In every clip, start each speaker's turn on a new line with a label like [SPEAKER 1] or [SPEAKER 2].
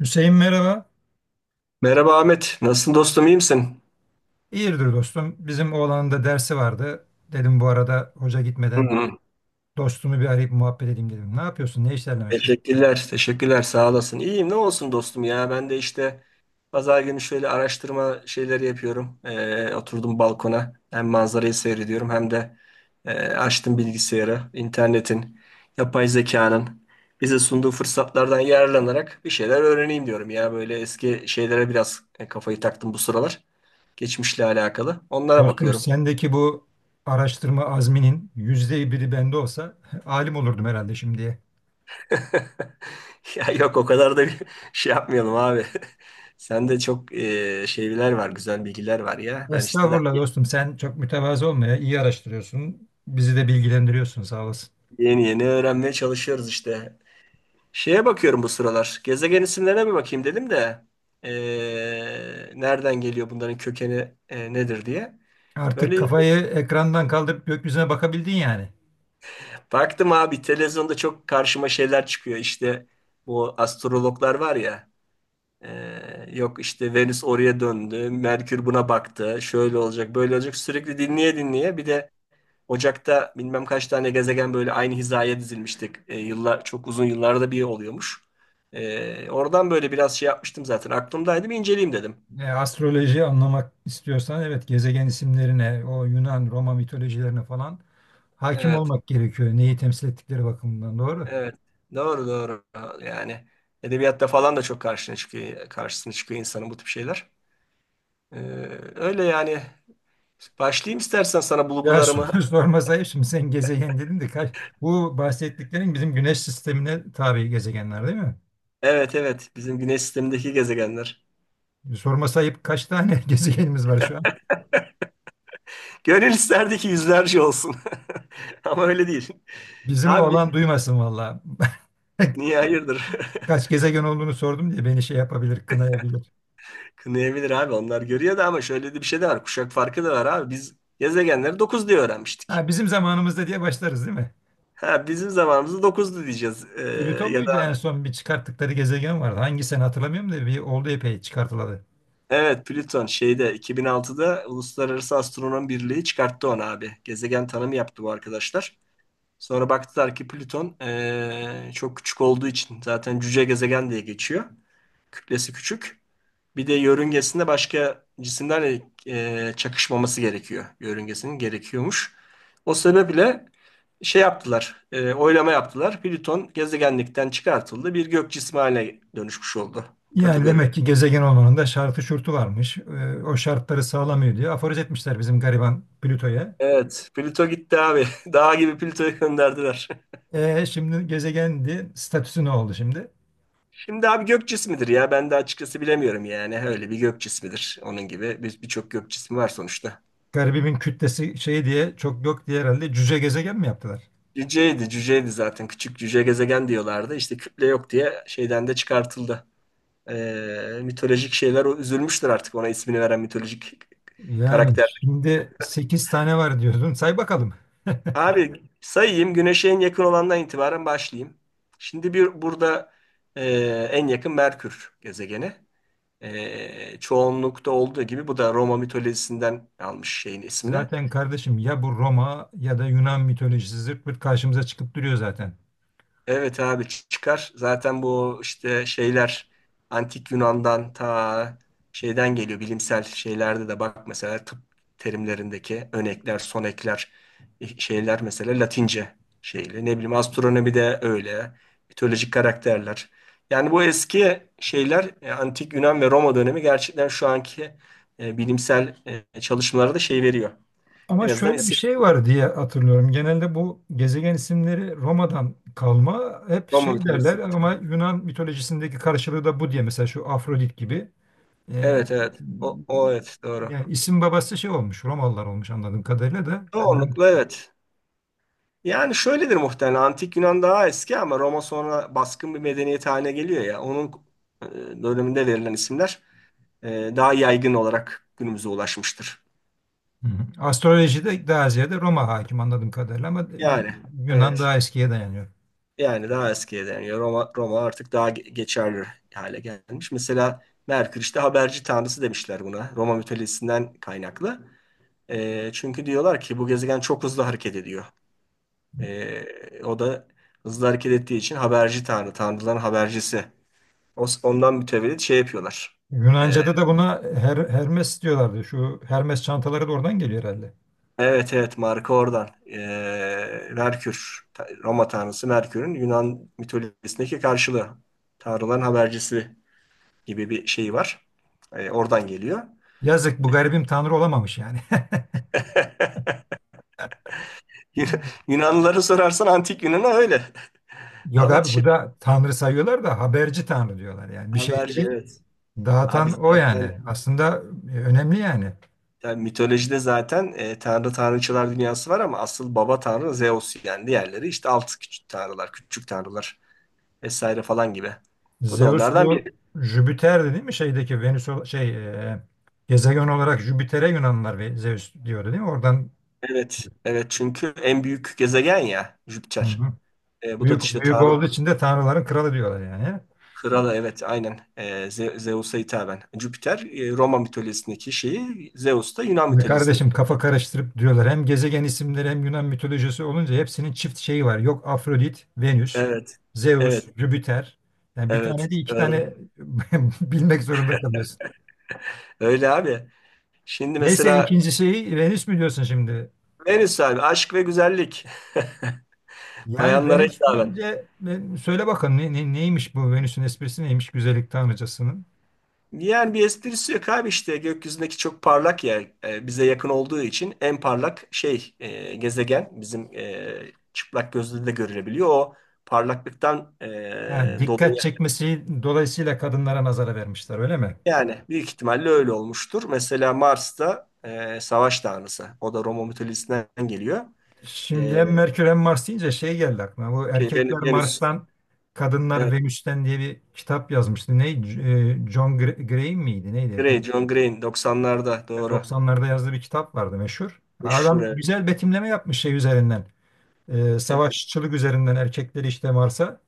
[SPEAKER 1] Hüseyin merhaba.
[SPEAKER 2] Merhaba Ahmet. Nasılsın dostum? İyi misin?
[SPEAKER 1] İyidir dostum. Bizim oğlanın da dersi vardı. Dedim bu arada hoca
[SPEAKER 2] Hı
[SPEAKER 1] gitmeden
[SPEAKER 2] hı.
[SPEAKER 1] dostumu bir arayıp muhabbet edeyim dedim. Ne yapıyorsun? Ne işlerle meşgul?
[SPEAKER 2] Teşekkürler. Teşekkürler. Sağ olasın. İyiyim. Ne olsun dostum ya. Ben de işte pazar günü şöyle araştırma şeyleri yapıyorum. Oturdum balkona. Hem manzarayı seyrediyorum hem de açtım bilgisayarı. İnternetin, yapay zekanın bize sunduğu fırsatlardan yararlanarak bir şeyler öğreneyim diyorum ya. Böyle eski şeylere biraz kafayı taktım bu sıralar. Geçmişle alakalı. Onlara
[SPEAKER 1] Dostum
[SPEAKER 2] bakıyorum.
[SPEAKER 1] sendeki bu araştırma azminin yüzde biri bende olsa alim olurdum herhalde şimdiye.
[SPEAKER 2] Ya yok o kadar da bir şey yapmayalım abi. Sende çok şeyler var, güzel bilgiler var ya. Ben işte daha
[SPEAKER 1] Estağfurullah dostum sen çok mütevazı olma ya. İyi araştırıyorsun. Bizi de bilgilendiriyorsun sağ olasın.
[SPEAKER 2] yeni yeni öğrenmeye çalışıyoruz işte. Şeye bakıyorum bu sıralar. Gezegen isimlerine bir bakayım dedim de e, nereden geliyor bunların kökeni nedir diye.
[SPEAKER 1] Artık
[SPEAKER 2] Böyle
[SPEAKER 1] kafayı ekrandan kaldırıp gökyüzüne bakabildin yani.
[SPEAKER 2] baktım abi televizyonda çok karşıma şeyler çıkıyor. İşte bu astrologlar var ya. Yok işte Venüs oraya döndü, Merkür buna baktı, şöyle olacak, böyle olacak. Sürekli dinleye dinleye bir de Ocak'ta bilmem kaç tane gezegen böyle aynı hizaya dizilmiştik. Yıllar çok uzun yıllarda bir oluyormuş. Oradan böyle biraz şey yapmıştım zaten. Aklımdaydı bir inceleyeyim dedim.
[SPEAKER 1] Astrolojiyi anlamak istiyorsan evet gezegen isimlerine, o Yunan, Roma mitolojilerine falan hakim
[SPEAKER 2] Evet,
[SPEAKER 1] olmak gerekiyor. Neyi temsil ettikleri bakımından doğru.
[SPEAKER 2] evet. Doğru doğru. Yani edebiyatta falan da çok karşısına çıkıyor insanın bu tip şeyler. Ee, öyle yani. Başlayayım istersen sana
[SPEAKER 1] Ya
[SPEAKER 2] bulgularımı.
[SPEAKER 1] soru sormasa ayıp, şimdi sen gezegen dedin de kaç, bu bahsettiklerin bizim güneş sistemine tabi gezegenler değil mi?
[SPEAKER 2] Evet, evet. Bizim güneş sistemindeki gezegenler.
[SPEAKER 1] Sorma sayıp kaç tane gezegenimiz var şu an?
[SPEAKER 2] Gönül isterdi ki yüzlerce olsun. Ama öyle değil.
[SPEAKER 1] Bizim
[SPEAKER 2] Abi
[SPEAKER 1] oğlan duymasın valla.
[SPEAKER 2] niye hayırdır?
[SPEAKER 1] Kaç gezegen olduğunu sordum diye beni şey yapabilir, kınayabilir.
[SPEAKER 2] Kınayabilir abi onlar görüyor da ama şöyle de bir şey de var. Kuşak farkı da var abi. Biz gezegenleri 9 diye öğrenmiştik.
[SPEAKER 1] Ha, bizim zamanımızda diye başlarız değil mi?
[SPEAKER 2] Ha, bizim zamanımızda 9'du diyeceğiz.
[SPEAKER 1] Plüton
[SPEAKER 2] Ya
[SPEAKER 1] muydu
[SPEAKER 2] da
[SPEAKER 1] en son bir çıkarttıkları gezegen vardı. Hangi sene hatırlamıyorum da bir oldu epey çıkartıladı.
[SPEAKER 2] evet Plüton şeyde 2006'da Uluslararası Astronom Birliği çıkarttı onu abi. Gezegen tanımı yaptı bu arkadaşlar. Sonra baktılar ki Plüton çok küçük olduğu için zaten cüce gezegen diye geçiyor. Kütlesi küçük. Bir de yörüngesinde başka cisimlerle çakışmaması gerekiyor. Yörüngesinin gerekiyormuş. O sebeple şey yaptılar, oylama yaptılar. Plüton gezegenlikten çıkartıldı. Bir gök cismi haline dönüşmüş oldu
[SPEAKER 1] Yani
[SPEAKER 2] kategori.
[SPEAKER 1] demek ki gezegen olmanın da şartı şurtu varmış. O şartları sağlamıyor diye aforoz etmişler bizim gariban Plüto'ya.
[SPEAKER 2] Evet, Plüto gitti abi. Dağ gibi Plüto'yu gönderdiler.
[SPEAKER 1] Şimdi gezegendi. Statüsü ne oldu şimdi?
[SPEAKER 2] Şimdi abi gök cismidir ya. Ben de açıkçası bilemiyorum yani. Öyle bir gök cismidir. Onun gibi birçok gök cismi var sonuçta.
[SPEAKER 1] Garibimin kütlesi şey diye çok yok diye herhalde cüce gezegen mi yaptılar?
[SPEAKER 2] Cüceydi, cüceydi zaten. Küçük cüce gezegen diyorlardı. İşte küple yok diye şeyden de çıkartıldı. Mitolojik şeyler o üzülmüştür artık ona ismini veren mitolojik
[SPEAKER 1] Yani
[SPEAKER 2] karakter.
[SPEAKER 1] şimdi 8 tane var diyordun. Say bakalım.
[SPEAKER 2] Abi sayayım Güneş'e en yakın olandan itibaren başlayayım. Şimdi bir burada e, en yakın Merkür gezegeni. Çoğunlukta olduğu gibi bu da Roma mitolojisinden almış şeyin ismini.
[SPEAKER 1] Zaten kardeşim ya bu Roma ya da Yunan mitolojisi zırt pırt karşımıza çıkıp duruyor zaten.
[SPEAKER 2] Evet abi çıkar. Zaten bu işte şeyler antik Yunan'dan ta şeyden geliyor. Bilimsel şeylerde de bak mesela tıp terimlerindeki önekler, sonekler şeyler mesela Latince şeyle. Ne bileyim astronomi de öyle. Mitolojik karakterler. Yani bu eski şeyler antik Yunan ve Roma dönemi gerçekten şu anki bilimsel çalışmalara da şey veriyor.
[SPEAKER 1] Ama
[SPEAKER 2] En azından
[SPEAKER 1] şöyle bir
[SPEAKER 2] isim
[SPEAKER 1] şey var diye hatırlıyorum. Genelde bu gezegen isimleri Roma'dan kalma hep
[SPEAKER 2] Roma
[SPEAKER 1] şey
[SPEAKER 2] mitolojisi.
[SPEAKER 1] derler ama Yunan mitolojisindeki karşılığı da bu diye. Mesela şu Afrodit gibi. Ee,
[SPEAKER 2] Evet, evet. O evet doğru.
[SPEAKER 1] Yani isim babası şey olmuş Romalılar olmuş anladığım kadarıyla da. Hı
[SPEAKER 2] Çoğunlukla evet. Yani şöyledir muhtemelen Antik Yunan daha eski ama Roma sonra baskın bir medeniyet haline geliyor ya. Onun e, döneminde verilen isimler daha yaygın olarak günümüze ulaşmıştır.
[SPEAKER 1] hı. Astrolojide daha ziyade Roma hakim anladığım kadarıyla ama
[SPEAKER 2] Yani
[SPEAKER 1] Yunan
[SPEAKER 2] evet
[SPEAKER 1] daha eskiye dayanıyor.
[SPEAKER 2] yani daha eskiye dayanıyor. Roma, Roma artık daha geçerli hale gelmiş. Mesela Merkür işte haberci tanrısı demişler buna Roma mitolojisinden kaynaklı. Çünkü diyorlar ki bu gezegen çok hızlı hareket ediyor. O da hızlı hareket ettiği için haberci tanrı, tanrıların habercisi. Ondan mütevellit şey yapıyorlar. Ee,
[SPEAKER 1] Yunanca'da da buna Hermes diyorlardı. Şu Hermes çantaları da oradan geliyor herhalde.
[SPEAKER 2] evet evet marka oradan. Merkür, Roma tanrısı Merkür'ün Yunan mitolojisindeki karşılığı. Tanrıların habercisi gibi bir şey var. Oradan geliyor.
[SPEAKER 1] Yazık bu garibim tanrı olamamış yani.
[SPEAKER 2] Yun- Yunanlıları sorarsan antik Yunan'a öyle.
[SPEAKER 1] Yok
[SPEAKER 2] Ama
[SPEAKER 1] abi bu
[SPEAKER 2] şimdi
[SPEAKER 1] da tanrı sayıyorlar da haberci tanrı diyorlar yani. Bir
[SPEAKER 2] haberci
[SPEAKER 1] şeyleri
[SPEAKER 2] evet. Abi
[SPEAKER 1] dağıtan o
[SPEAKER 2] zaten
[SPEAKER 1] yani. Aslında önemli yani.
[SPEAKER 2] yani mitolojide zaten tanrı tanrıçılar dünyası var ama asıl baba tanrı Zeus yani diğerleri işte alt küçük tanrılar, küçük tanrılar. Vesaire falan gibi. Bu da
[SPEAKER 1] Zeus
[SPEAKER 2] onlardan biri.
[SPEAKER 1] bu Jüpiter'di değil mi? Şeydeki Venüs şey e, gezegen olarak Jüpiter'e Yunanlılar ve Zeus diyordu değil mi? Oradan
[SPEAKER 2] Evet, evet çünkü en büyük gezegen ya
[SPEAKER 1] hı
[SPEAKER 2] Jüpiter.
[SPEAKER 1] hı.
[SPEAKER 2] Bu da
[SPEAKER 1] büyük
[SPEAKER 2] işte
[SPEAKER 1] büyük
[SPEAKER 2] Tanrı
[SPEAKER 1] olduğu için de tanrıların kralı diyorlar yani.
[SPEAKER 2] kralı evet aynen Zeus'a hitaben. Jüpiter Roma mitolojisindeki şeyi, Zeus da Yunan
[SPEAKER 1] Ya
[SPEAKER 2] mitolojisindeki.
[SPEAKER 1] kardeşim kafa karıştırıp diyorlar. Hem gezegen isimleri hem Yunan mitolojisi olunca hepsinin çift şeyi var. Yok Afrodit, Venüs,
[SPEAKER 2] Evet,
[SPEAKER 1] Zeus,
[SPEAKER 2] evet,
[SPEAKER 1] Jüpiter. Yani bir
[SPEAKER 2] evet.
[SPEAKER 1] tane değil iki tane
[SPEAKER 2] Doğru.
[SPEAKER 1] bilmek zorunda kalıyorsun.
[SPEAKER 2] Öyle abi. Şimdi
[SPEAKER 1] Neyse
[SPEAKER 2] mesela
[SPEAKER 1] ikinci şeyi Venüs mü diyorsun şimdi?
[SPEAKER 2] Venüs abi aşk ve güzellik.
[SPEAKER 1] Yani
[SPEAKER 2] Bayanlara
[SPEAKER 1] Venüs
[SPEAKER 2] hitaben.
[SPEAKER 1] deyince söyle bakalım ne, neymiş bu Venüs'ün esprisi neymiş güzellik tanrıcasının?
[SPEAKER 2] Yani bir esprisi yok abi işte gökyüzündeki çok parlak yer bize yakın olduğu için en parlak şey gezegen bizim çıplak gözle de görülebiliyor. O parlaklıktan
[SPEAKER 1] Ha, dikkat
[SPEAKER 2] dolayı
[SPEAKER 1] çekmesi dolayısıyla kadınlara nazara vermişler öyle mi?
[SPEAKER 2] yani büyük ihtimalle öyle olmuştur. Mesela Mars'ta savaş tanrısı o da Roma mitolojisinden geliyor.
[SPEAKER 1] Şimdi
[SPEAKER 2] E,
[SPEAKER 1] hem Merkür hem Mars deyince şey geldi aklıma. Bu
[SPEAKER 2] şey,
[SPEAKER 1] Erkekler
[SPEAKER 2] Venüs,
[SPEAKER 1] Mars'tan, Kadınlar
[SPEAKER 2] evet,
[SPEAKER 1] Venüs'ten diye bir kitap yazmıştı. Ne? John Gray miydi? Neydi?
[SPEAKER 2] Grey, John Green 90'larda doğru.
[SPEAKER 1] 1990'larda yazdığı bir kitap vardı meşhur.
[SPEAKER 2] Meşhur
[SPEAKER 1] Adam
[SPEAKER 2] evet.
[SPEAKER 1] güzel betimleme yapmış şey üzerinden. Savaşçılık üzerinden erkekleri işte Mars'a,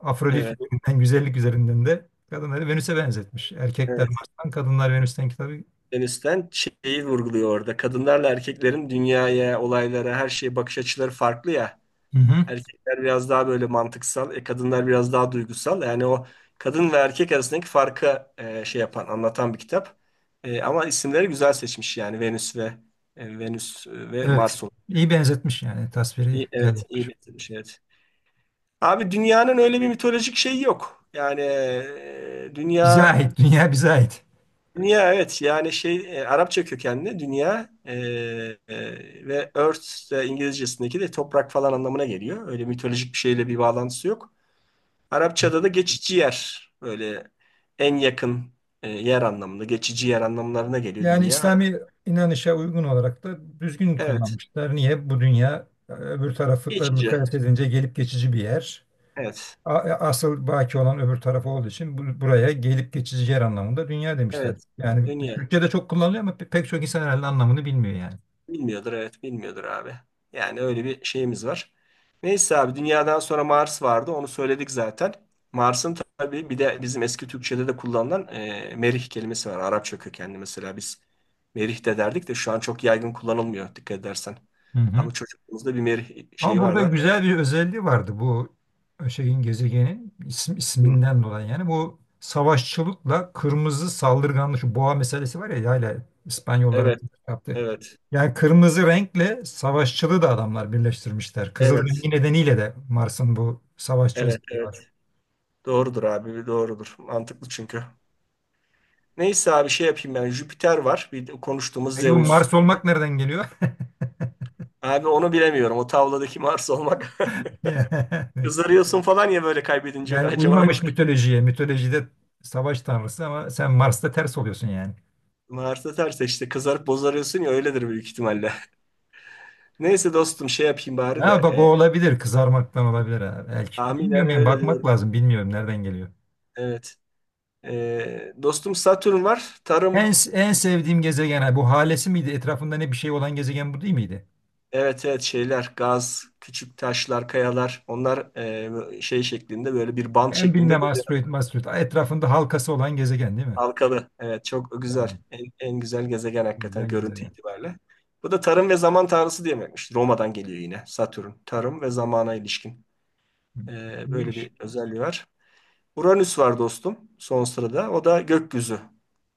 [SPEAKER 1] Afrodit
[SPEAKER 2] Evet,
[SPEAKER 1] üzerinden, güzellik üzerinden de kadınları Venüs'e benzetmiş. Erkekler
[SPEAKER 2] evet.
[SPEAKER 1] Mars'tan, Kadınlar Venüs'ten kitabı.
[SPEAKER 2] Afganistan şeyi vurguluyor orada. Kadınlarla erkeklerin dünyaya, olaylara, her şeye bakış açıları farklı ya.
[SPEAKER 1] Hı hı.
[SPEAKER 2] Erkekler biraz daha böyle mantıksal, kadınlar biraz daha duygusal. Yani o kadın ve erkek arasındaki farkı şey yapan, anlatan bir kitap. Ama isimleri güzel seçmiş yani Venüs ve
[SPEAKER 1] Evet.
[SPEAKER 2] Mars olarak.
[SPEAKER 1] İyi benzetmiş yani. Tasviri
[SPEAKER 2] İyi,
[SPEAKER 1] güzel
[SPEAKER 2] evet, iyi
[SPEAKER 1] yapmış.
[SPEAKER 2] bitirmiş evet. Abi dünyanın öyle bir mitolojik şeyi yok. Yani
[SPEAKER 1] Bize
[SPEAKER 2] dünya
[SPEAKER 1] ait. Dünya bize ait.
[SPEAKER 2] Dünya evet yani şey Arapça kökenli dünya ve Earth de İngilizcesindeki de toprak falan anlamına geliyor. Öyle mitolojik bir şeyle bir bağlantısı yok. Arapçada da geçici yer böyle en yakın yer anlamında geçici yer anlamlarına geliyor
[SPEAKER 1] Yani
[SPEAKER 2] dünya.
[SPEAKER 1] İslami inanışa uygun olarak da düzgün
[SPEAKER 2] Evet
[SPEAKER 1] kullanmışlar. Niye? Bu dünya öbür tarafla
[SPEAKER 2] geçici
[SPEAKER 1] mukayese edince gelip geçici bir yer.
[SPEAKER 2] evet
[SPEAKER 1] Asıl baki olan öbür taraf olduğu için buraya gelip geçici yer anlamında dünya demişler.
[SPEAKER 2] evet
[SPEAKER 1] Yani
[SPEAKER 2] dünya.
[SPEAKER 1] Türkçe'de çok kullanılıyor ama pek çok insan herhalde anlamını bilmiyor yani.
[SPEAKER 2] Bilmiyordur evet bilmiyordur abi. Yani öyle bir şeyimiz var. Neyse abi dünyadan sonra Mars vardı onu söyledik zaten. Mars'ın tabii bir de bizim eski Türkçe'de de kullanılan merih kelimesi var. Arapça kökenli mesela biz merih de derdik de şu an çok yaygın kullanılmıyor dikkat edersen.
[SPEAKER 1] Hı hı.
[SPEAKER 2] Ama çocukluğumuzda bir merih
[SPEAKER 1] Ama
[SPEAKER 2] şeyi var
[SPEAKER 1] burada
[SPEAKER 2] da.
[SPEAKER 1] güzel bir özelliği vardı bu şeyin gezegenin isim,
[SPEAKER 2] Hı.
[SPEAKER 1] isminden dolayı yani bu savaşçılıkla kırmızı saldırganlık şu boğa meselesi var ya hala İspanyolların
[SPEAKER 2] Evet,
[SPEAKER 1] yaptığı.
[SPEAKER 2] evet,
[SPEAKER 1] Yani kırmızı renkle savaşçılığı da adamlar birleştirmişler. Kızıl
[SPEAKER 2] evet,
[SPEAKER 1] rengi nedeniyle de Mars'ın bu savaşçı
[SPEAKER 2] evet,
[SPEAKER 1] özelliği
[SPEAKER 2] evet.
[SPEAKER 1] var.
[SPEAKER 2] Doğrudur abi, doğrudur. Mantıklı çünkü. Neyse abi şey yapayım ben. Jüpiter var. Bir de konuştuğumuz
[SPEAKER 1] Peki bu
[SPEAKER 2] Zeus.
[SPEAKER 1] Mars olmak nereden geliyor?
[SPEAKER 2] Abi onu bilemiyorum. O tavladaki Mars olmak. Kızarıyorsun falan ya böyle kaybedince
[SPEAKER 1] Yani
[SPEAKER 2] acaba
[SPEAKER 1] uymamış mitolojiye. Mitolojide savaş tanrısı ama sen Mars'ta ters oluyorsun yani.
[SPEAKER 2] Mars'ta terse işte kızarıp bozarıyorsun ya öyledir büyük ihtimalle. Neyse dostum şey yapayım bari de.
[SPEAKER 1] Ha bak o
[SPEAKER 2] E,
[SPEAKER 1] olabilir. Kızarmaktan olabilir ha belki.
[SPEAKER 2] tahminen
[SPEAKER 1] Bilmiyorum yani. Evet,
[SPEAKER 2] öyle
[SPEAKER 1] bakmak
[SPEAKER 2] diyorum.
[SPEAKER 1] lazım. Bilmiyorum nereden geliyor.
[SPEAKER 2] Evet. Dostum Satürn var. Tarım.
[SPEAKER 1] En, en sevdiğim gezegen ha, bu halesi miydi? Etrafında ne bir şey olan gezegen bu değil miydi?
[SPEAKER 2] Evet, evet şeyler gaz, küçük taşlar, kayalar onlar şey şeklinde böyle bir bant
[SPEAKER 1] Ben
[SPEAKER 2] şeklinde.
[SPEAKER 1] bilmem asteroid, asteroid. Etrafında halkası olan gezegen değil mi?
[SPEAKER 2] Halkalı. Evet çok güzel.
[SPEAKER 1] Tamam.
[SPEAKER 2] En güzel gezegen hakikaten
[SPEAKER 1] Güzel
[SPEAKER 2] görüntü
[SPEAKER 1] gezegen.
[SPEAKER 2] itibariyle. Bu da tarım ve zaman tanrısı diye demekmiş. Roma'dan geliyor yine Satürn. Tarım ve zamana ilişkin.
[SPEAKER 1] Hı,
[SPEAKER 2] Böyle bir
[SPEAKER 1] İyiymiş.
[SPEAKER 2] özelliği var. Uranüs var dostum son sırada. O da gökyüzü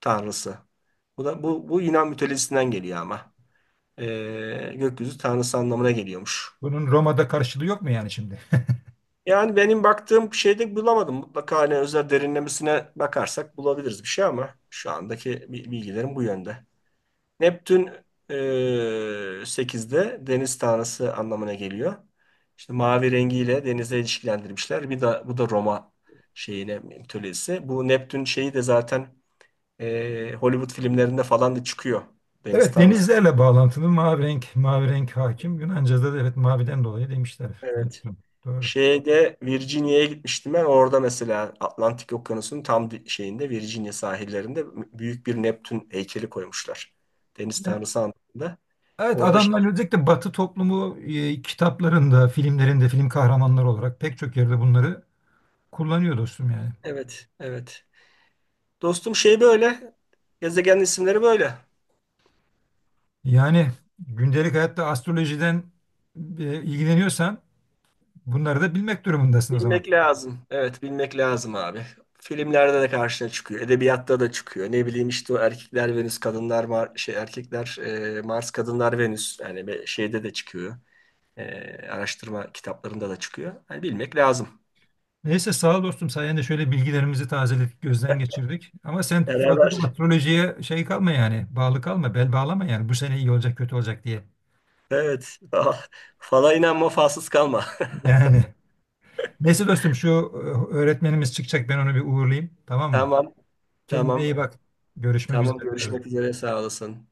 [SPEAKER 2] tanrısı. Bu da bu Yunan mitolojisinden geliyor ama. Gökyüzü tanrısı anlamına geliyormuş.
[SPEAKER 1] Bunun Roma'da karşılığı yok mu yani şimdi?
[SPEAKER 2] Yani benim baktığım şeyde bulamadım. Mutlaka hani özel derinlemesine bakarsak bulabiliriz bir şey ama şu andaki bilgilerim bu yönde. Neptün e, 8'de deniz tanrısı anlamına geliyor. İşte mavi rengiyle denize ilişkilendirmişler. Bir de bu da Roma şeyine mitolojisi. Bu Neptün şeyi de zaten Hollywood filmlerinde falan da çıkıyor. Deniz
[SPEAKER 1] Evet
[SPEAKER 2] tanrısı.
[SPEAKER 1] denizlerle bağlantılı mavi renk, mavi renk hakim. Yunanca'da da evet maviden dolayı demişler. Ne
[SPEAKER 2] Evet.
[SPEAKER 1] güzel, doğru.
[SPEAKER 2] Şeyde Virginia'ya gitmiştim ben. Orada mesela Atlantik Okyanusu'nun tam şeyinde Virginia sahillerinde büyük bir Neptün heykeli koymuşlar. Deniz tanrısı anlamında.
[SPEAKER 1] Evet
[SPEAKER 2] Orada şey,
[SPEAKER 1] adamlar özellikle Batı toplumu kitaplarında, filmlerinde, film kahramanları olarak pek çok yerde bunları kullanıyor dostum yani.
[SPEAKER 2] evet, evet. Dostum şey böyle. Gezegen isimleri böyle.
[SPEAKER 1] Yani gündelik hayatta astrolojiden ilgileniyorsan bunları da bilmek durumundasın o zaman.
[SPEAKER 2] Bilmek lazım. Evet bilmek lazım abi. Filmlerde de karşına çıkıyor. Edebiyatta da çıkıyor. Ne bileyim işte o erkekler Venüs, kadınlar Mar şey erkekler Mars, kadınlar Venüs. Yani şeyde de çıkıyor. E, araştırma kitaplarında da çıkıyor. Yani bilmek lazım.
[SPEAKER 1] Neyse sağ ol dostum sayende şöyle bilgilerimizi tazeledik, gözden geçirdik. Ama sen fazla da
[SPEAKER 2] Beraber.
[SPEAKER 1] astrolojiye şey kalma yani, bağlı kalma, bel bağlama yani bu sene iyi olacak, kötü olacak diye.
[SPEAKER 2] Evet. Fala inanma, falsız kalma.
[SPEAKER 1] Yani neyse dostum şu öğretmenimiz çıkacak ben onu bir uğurlayayım tamam mı?
[SPEAKER 2] Tamam.
[SPEAKER 1] Kendine
[SPEAKER 2] Tamam.
[SPEAKER 1] iyi bak. Görüşmek üzere
[SPEAKER 2] Tamam. Görüşmek
[SPEAKER 1] diyorum.
[SPEAKER 2] üzere. Sağ olasın.